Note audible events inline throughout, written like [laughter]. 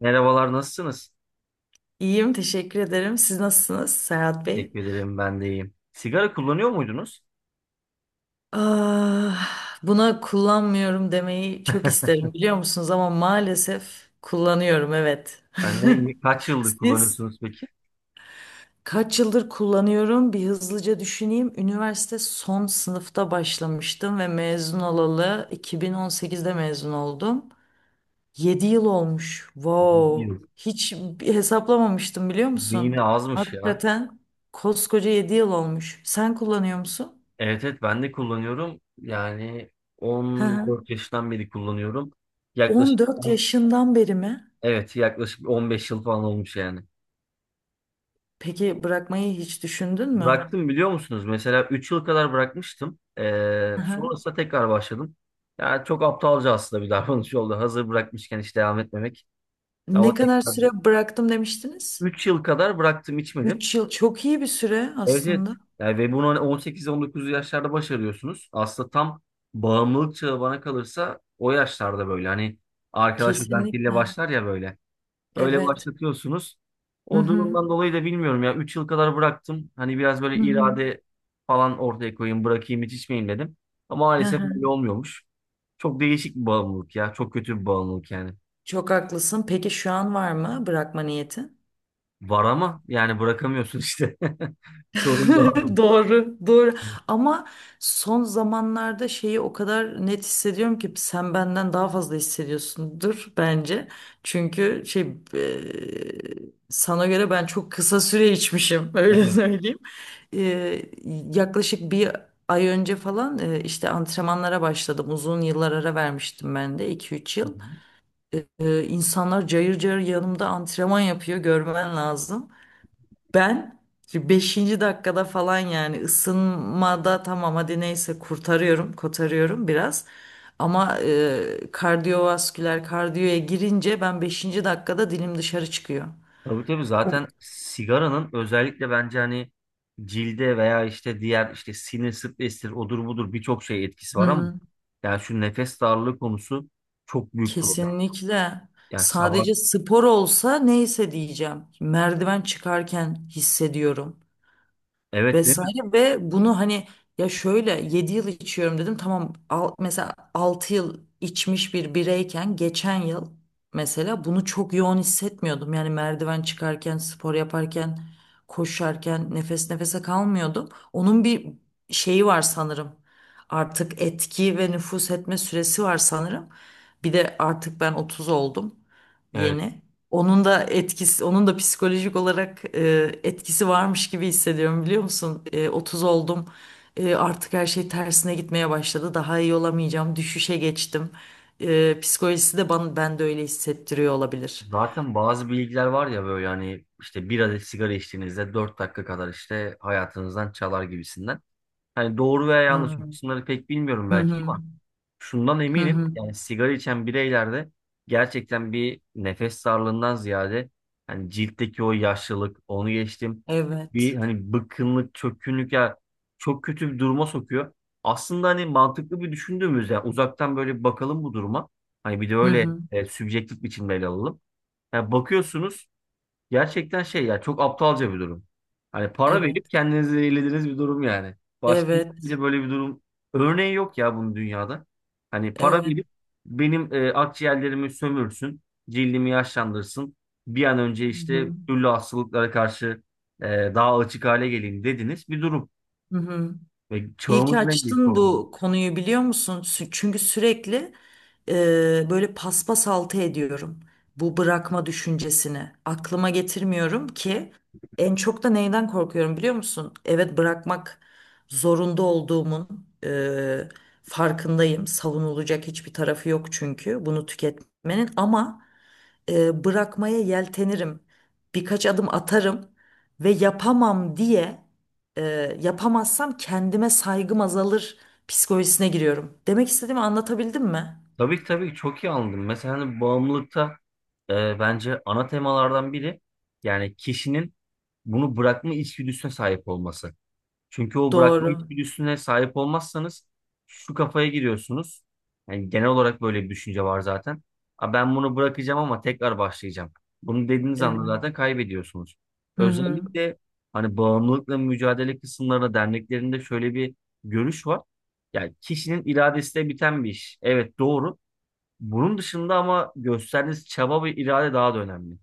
Merhabalar, nasılsınız? İyiyim, teşekkür ederim. Siz nasılsınız Serhat Bey? Teşekkür ederim, ben de iyiyim. Sigara kullanıyor muydunuz? Ah, buna kullanmıyorum demeyi çok isterim biliyor musunuz ama maalesef kullanıyorum evet. Ben de kaç [laughs] yıldır Siz kullanıyorsunuz peki? kaç yıldır kullanıyorum? Bir hızlıca düşüneyim. Üniversite son sınıfta başlamıştım ve mezun olalı 2018'de mezun oldum. 7 yıl olmuş. Bir Wow. yıl. Hiç bir hesaplamamıştım biliyor musun? Yine azmış ya. Hakikaten koskoca 7 yıl olmuş. Sen kullanıyor musun? Evet evet, ben de kullanıyorum. Yani Hı hı. 14 yaşından beri kullanıyorum. Yaklaşık 14 yaşından beri mi? evet, yaklaşık 15 yıl falan olmuş yani. Peki bırakmayı hiç düşündün mü? Bıraktım biliyor musunuz? Mesela 3 yıl kadar bırakmıştım. Ee, Hı hı. sonrasında tekrar başladım. Yani çok aptalca aslında bir davranış oldu. Hazır bırakmışken hiç devam etmemek. Ama Ne kadar tekrar süre bıraktım demiştiniz? 3 yıl kadar bıraktım, içmedim. 3 yıl çok iyi bir süre Evet, evet. aslında. Yani ve bunu hani 18-19 yaşlarda başarıyorsunuz. Aslında tam bağımlılık çağı bana kalırsa o yaşlarda, böyle hani arkadaş özentiyle Kesinlikle. başlar ya böyle. Öyle Evet. başlatıyorsunuz. Hı O hı. durumdan dolayı da bilmiyorum ya, 3 yıl kadar bıraktım. Hani biraz böyle Hı hı. irade falan ortaya koyayım, bırakayım, hiç içmeyeyim dedim. Ama Hı maalesef hı. öyle olmuyormuş. Çok değişik bir bağımlılık ya. Çok kötü bir bağımlılık yani. Çok haklısın. Peki şu an var mı bırakma niyeti? Var ama yani bırakamıyorsun işte. [laughs] Sorun da o. [laughs] Doğru, doğru. Ama son zamanlarda şeyi o kadar net hissediyorum ki sen benden daha fazla hissediyorsundur bence. Çünkü şey sana göre ben çok kısa süre içmişim [laughs] öyle Evet. söyleyeyim. E, yaklaşık bir ay önce falan işte antrenmanlara başladım. Uzun yıllar ara vermiştim ben de 2-3 yıl. E, e, insanlar cayır cayır yanımda antrenman yapıyor görmen lazım. Ben şimdi 5. dakikada falan yani ısınmada tamam hadi neyse kurtarıyorum, kotarıyorum biraz. Ama kardiyovasküler kardiyoya girince ben 5. dakikada dilim dışarı çıkıyor. Tabii tabii, O- zaten sigaranın özellikle bence hani cilde veya işte diğer işte sinir stresidir, odur budur, birçok şey etkisi Hı var, ama hı. yani şu nefes darlığı konusu çok büyük problem. Kesinlikle. Yani sabah, Sadece spor olsa neyse diyeceğim. Merdiven çıkarken hissediyorum. evet, değil mi? Vesaire ve bunu hani ya şöyle 7 yıl içiyorum dedim tamam al, mesela 6 yıl içmiş bir bireyken geçen yıl mesela bunu çok yoğun hissetmiyordum yani merdiven çıkarken spor yaparken koşarken nefes nefese kalmıyordum onun bir şeyi var sanırım artık etki ve nüfuz etme süresi var sanırım bir de artık ben 30 oldum Evet. yeni onun da etkisi, onun da psikolojik olarak etkisi varmış gibi hissediyorum biliyor musun? 30 oldum. Artık her şey tersine gitmeye başladı. Daha iyi olamayacağım. Düşüşe geçtim. Psikolojisi de bana, ben de öyle hissettiriyor olabilir. Zaten bazı bilgiler var ya, böyle hani işte bir adet sigara içtiğinizde 4 dakika kadar işte hayatınızdan çalar gibisinden. Hani doğru veya yanlış, bu Hmm. kısımları pek bilmiyorum Hı belki. hı. Şundan Hı eminim, hı. yani sigara içen bireylerde gerçekten bir nefes darlığından ziyade hani ciltteki o yaşlılık, onu geçtim, bir Evet. hani bıkkınlık, çökkünlük ya, çok kötü bir duruma sokuyor. Aslında hani mantıklı bir düşündüğümüz, yani uzaktan böyle bir bakalım bu duruma. Hani bir de Hı öyle hı. Sübjektif biçimde ele alalım. Yani bakıyorsunuz. Gerçekten şey ya, çok aptalca bir durum. Hani para Evet. verip kendinizi eğlediğiniz bir durum yani. Başka Evet. hiçbir böyle bir durum örneği yok ya bunun dünyada. Hani para Evet. verip benim akciğerlerimi sömürsün, cildimi yaşlandırsın. Bir an önce Hı işte hı. türlü hastalıklara karşı e, daha açık hale geleyim dediniz bir durum. Hı hı. Ve İyi ki çağımızın en büyük açtın problemi. bu konuyu biliyor musun? Çünkü sürekli böyle paspas altı ediyorum. Bu bırakma düşüncesini aklıma getirmiyorum ki en çok da neyden korkuyorum biliyor musun? Evet bırakmak zorunda olduğumun e, farkındayım. Savunulacak hiçbir tarafı yok çünkü bunu tüketmenin ama bırakmaya yeltenirim. Birkaç adım atarım ve yapamam diye e, yapamazsam kendime saygım azalır psikolojisine giriyorum. Demek istediğimi anlatabildim mi? Tabii ki, tabii ki, çok iyi anladım. Mesela hani bağımlılıkta bence ana temalardan biri, yani kişinin bunu bırakma içgüdüsüne sahip olması. Çünkü o bırakma Doğru. içgüdüsüne sahip olmazsanız şu kafaya giriyorsunuz. Yani genel olarak böyle bir düşünce var zaten. "Aa, ben bunu bırakacağım ama tekrar başlayacağım." Bunu dediğiniz anda Evet. zaten kaybediyorsunuz. Hı hı. Özellikle hani bağımlılıkla mücadele kısımlarında, derneklerinde şöyle bir görüş var. Yani kişinin iradesiyle biten bir iş. Evet, doğru. Bunun dışında ama gösterdiğiniz çaba ve irade daha da önemli.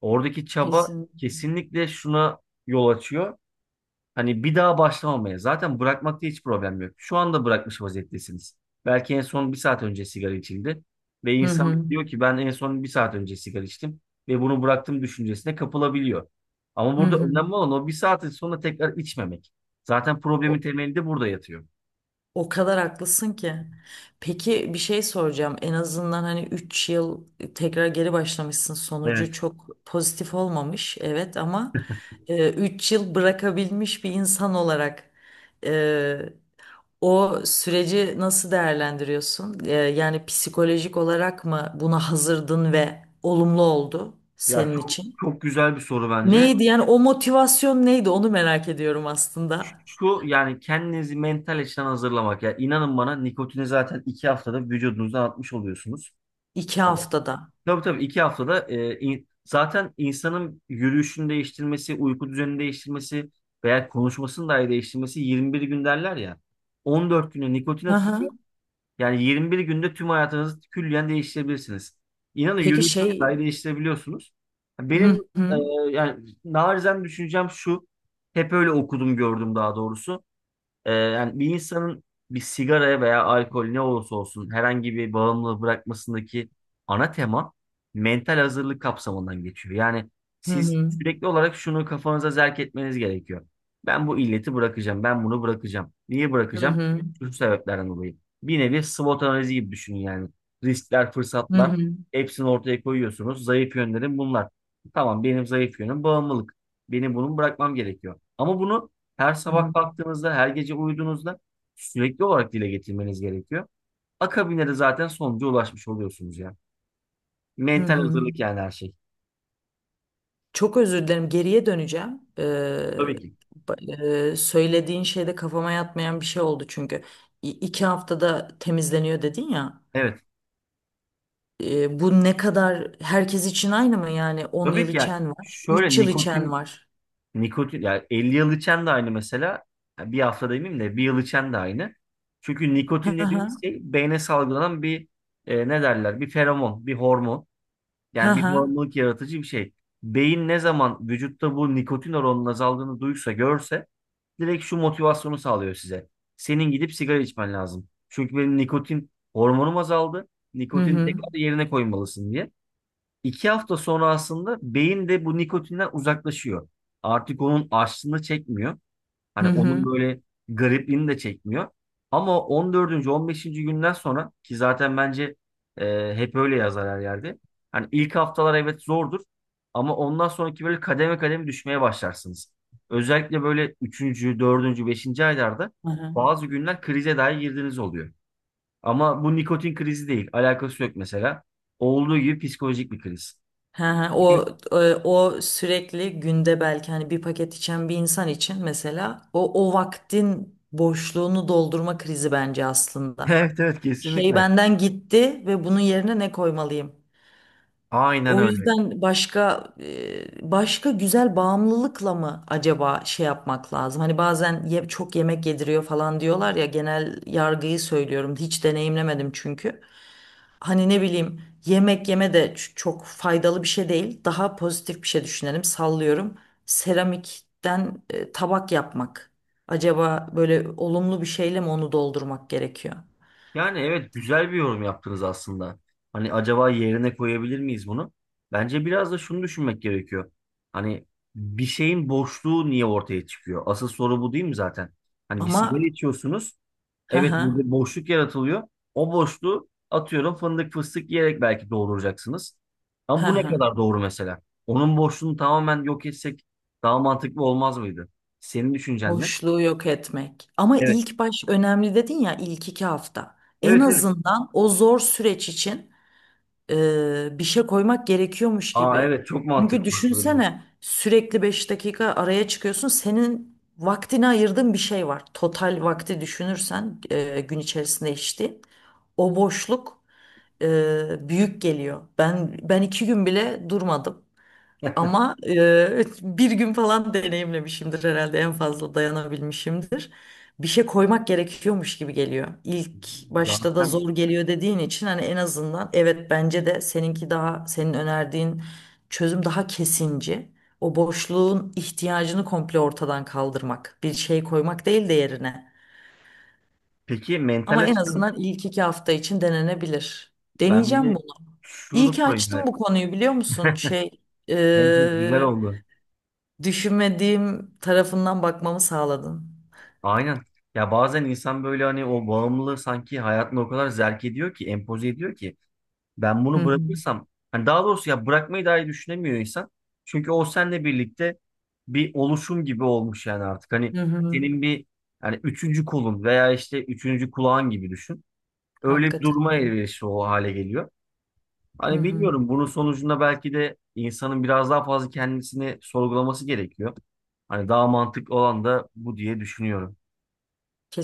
Oradaki çaba Kesin. kesinlikle şuna yol açıyor. Hani bir daha başlamamaya. Zaten bırakmakta hiç problem yok. Şu anda bırakmış vaziyettesiniz. Belki en son bir saat önce sigara içildi. Ve Hı insan hı. diyor ki, ben en son bir saat önce sigara içtim. Ve bunu bıraktım düşüncesine kapılabiliyor. Ama Hı burada hı. önemli olan o bir saatin sonra tekrar içmemek. Zaten problemin O- temelinde burada yatıyor. O kadar haklısın ki. Peki bir şey soracağım. En azından hani 3 yıl tekrar geri başlamışsın. Evet. Sonucu çok pozitif olmamış. Evet ama 3 yıl bırakabilmiş bir insan olarak e, o süreci nasıl değerlendiriyorsun? Yani psikolojik olarak mı buna hazırdın ve olumlu oldu Ya senin çok için? çok güzel bir soru bence. Neydi yani o motivasyon neydi onu merak ediyorum aslında. Şu, yani kendinizi mental açıdan hazırlamak. Ya inanın bana, nikotini zaten 2 haftada vücudunuzdan atmış oluyorsunuz. İki Evet. haftada. Tabii tabii, 2 haftada zaten insanın yürüyüşünü değiştirmesi, uyku düzenini değiştirmesi veya konuşmasını dahi değiştirmesi, 21 gün derler ya. 14 güne nikotin Hı hı. atılıyor. Yani 21 günde tüm hayatınızı külliyen değiştirebilirsiniz. İnanın, Peki yürüyüşünü şey. dahi değiştirebiliyorsunuz. Hı hı, Benim e, hı yani narizen düşüncem şu. Hep öyle okudum, gördüm daha doğrusu. Yani bir insanın bir sigaraya veya alkol, ne olursa olsun herhangi bir bağımlılığı bırakmasındaki ana tema mental hazırlık kapsamından geçiyor. Yani siz hı, sürekli olarak şunu kafanıza zerk etmeniz gerekiyor. Ben bu illeti bırakacağım, ben bunu bırakacağım. Niye hı bırakacağım? hı, Şu sebeplerden dolayı. Bir nevi SWOT analizi gibi düşünün yani. Riskler, hı fırsatlar, hı, hepsini ortaya koyuyorsunuz. Zayıf yönlerim bunlar. Tamam, benim zayıf yönüm bağımlılık. Benim bunu bırakmam gerekiyor. Ama bunu her hı sabah hı, kalktığınızda, her gece uyuduğunuzda sürekli olarak dile getirmeniz gerekiyor. Akabinde de zaten sonuca ulaşmış oluyorsunuz ya. hı Mental hı. hazırlık, yani her şey. Çok özür dilerim. Geriye döneceğim. Ee, Tabii ki. ba- e, söylediğin şeyde kafama yatmayan bir şey oldu çünkü. İ- iki haftada temizleniyor dedin ya. Evet. Bu ne kadar herkes için aynı mı yani? on Tabii yıl ki, ya içen var, şöyle 3 yıl içen nikotin var. nikotin yani 50 yıl içen de aynı mesela. Ya bir hafta demeyeyim de, bir yıl içen de aynı. Çünkü Hı nikotin dediğimiz hı, şey beyne salgılanan bir ne derler? Bir feromon, bir hormon. hı Yani bir hı, bağımlılık yaratıcı bir şey. Beyin ne zaman vücutta bu nikotin oranının azaldığını duysa, görse direkt şu motivasyonu sağlıyor size. Senin gidip sigara içmen lazım. Çünkü benim nikotin hormonum azaldı. hı Nikotin hı, tekrar yerine koymalısın diye. 2 hafta sonra aslında beyin de bu nikotinden uzaklaşıyor. Artık onun açlığını çekmiyor. hı Hani hı, onun böyle garipliğini de çekmiyor. Ama 14. 15. günden sonra ki, zaten bence hep öyle yazar her yerde. Hani ilk haftalar evet zordur, ama ondan sonraki böyle kademe kademe düşmeye başlarsınız. Özellikle böyle üçüncü, dördüncü, beşinci aylarda hı hı. bazı günler krize dahi girdiğiniz oluyor. Ama bu nikotin krizi değil. Alakası yok mesela. Olduğu gibi psikolojik bir kriz. Ha, ha, o [laughs] e, o sürekli günde belki hani bir paket içen bir insan için mesela o vaktin boşluğunu doldurma krizi bence aslında. Evet evet, Şey kesinlikle. benden gitti ve bunun yerine ne koymalıyım? Aynen O öyle. yüzden başka güzel bağımlılıkla mı acaba şey yapmak lazım? Hani bazen çok yemek yediriyor falan diyorlar ya genel yargıyı söylüyorum. Hiç deneyimlemedim çünkü. Hani ne bileyim yemek yeme de çok faydalı bir şey değil. Daha pozitif bir şey düşünelim. Sallıyorum. Seramikten tabak yapmak. Acaba böyle olumlu bir şeyle mi onu doldurmak gerekiyor? Yani evet, güzel bir yorum yaptınız aslında. Hani acaba yerine koyabilir miyiz bunu? Bence biraz da şunu düşünmek gerekiyor. Hani bir şeyin boşluğu niye ortaya çıkıyor? Asıl soru bu değil mi zaten? Hani bir sigara Ama içiyorsunuz. [laughs] ha Evet, ha burada boşluk yaratılıyor. O boşluğu, atıyorum, fındık fıstık yiyerek belki dolduracaksınız. Ama bu ne ha. kadar doğru mesela? Onun boşluğunu tamamen yok etsek daha mantıklı olmaz mıydı? Senin düşüncen ne? Boşluğu yok etmek. Ama Evet. ilk baş önemli dedin ya ilk 2 hafta. En Evet evet. azından o zor süreç için bir şey koymak gerekiyormuş Aa, gibi. evet, çok mantıklı. Çünkü Bak böyle. düşünsene sürekli 5 dakika araya çıkıyorsun. Senin vaktini ayırdığın bir şey var. Total vakti düşünürsen gün içerisinde içtiğin. O boşluk büyük geliyor. Ben 2 gün bile durmadım. [laughs] Ama [laughs] bir gün falan deneyimlemişimdir herhalde en fazla dayanabilmişimdir. Bir şey koymak gerekiyormuş gibi geliyor. İlk başta da Zaten, zor geliyor dediğin için hani en azından evet bence de seninki daha senin önerdiğin çözüm daha kesinci. O boşluğun ihtiyacını komple ortadan kaldırmak. Bir şey koymak değil de yerine. peki mental Ama en açıdan azından ilk 2 hafta için denenebilir. ben bir Deneyeceğim de bunu. İyi şunu ki sorayım açtım bu ya. konuyu biliyor musun? Şey, Bence güzel oldu. düşünmediğim tarafından bakmamı sağladın. Aynen. Ya bazen insan böyle hani o bağımlılığı sanki hayatına o kadar zerk ediyor ki, empoze ediyor ki. Ben Hı bunu hı. bırakırsam, hani daha doğrusu ya, bırakmayı dahi düşünemiyor insan. Çünkü o seninle birlikte bir oluşum gibi olmuş yani artık. Hani Hı hı. senin bir, yani üçüncü kolun veya işte üçüncü kulağın gibi düşün. Öyle bir Hakikaten duruma öyle. elverişli o hale geliyor. Hı Hani hı. bilmiyorum, bunun sonucunda belki de insanın biraz daha fazla kendisini sorgulaması gerekiyor. Hani daha mantıklı olan da bu diye düşünüyorum.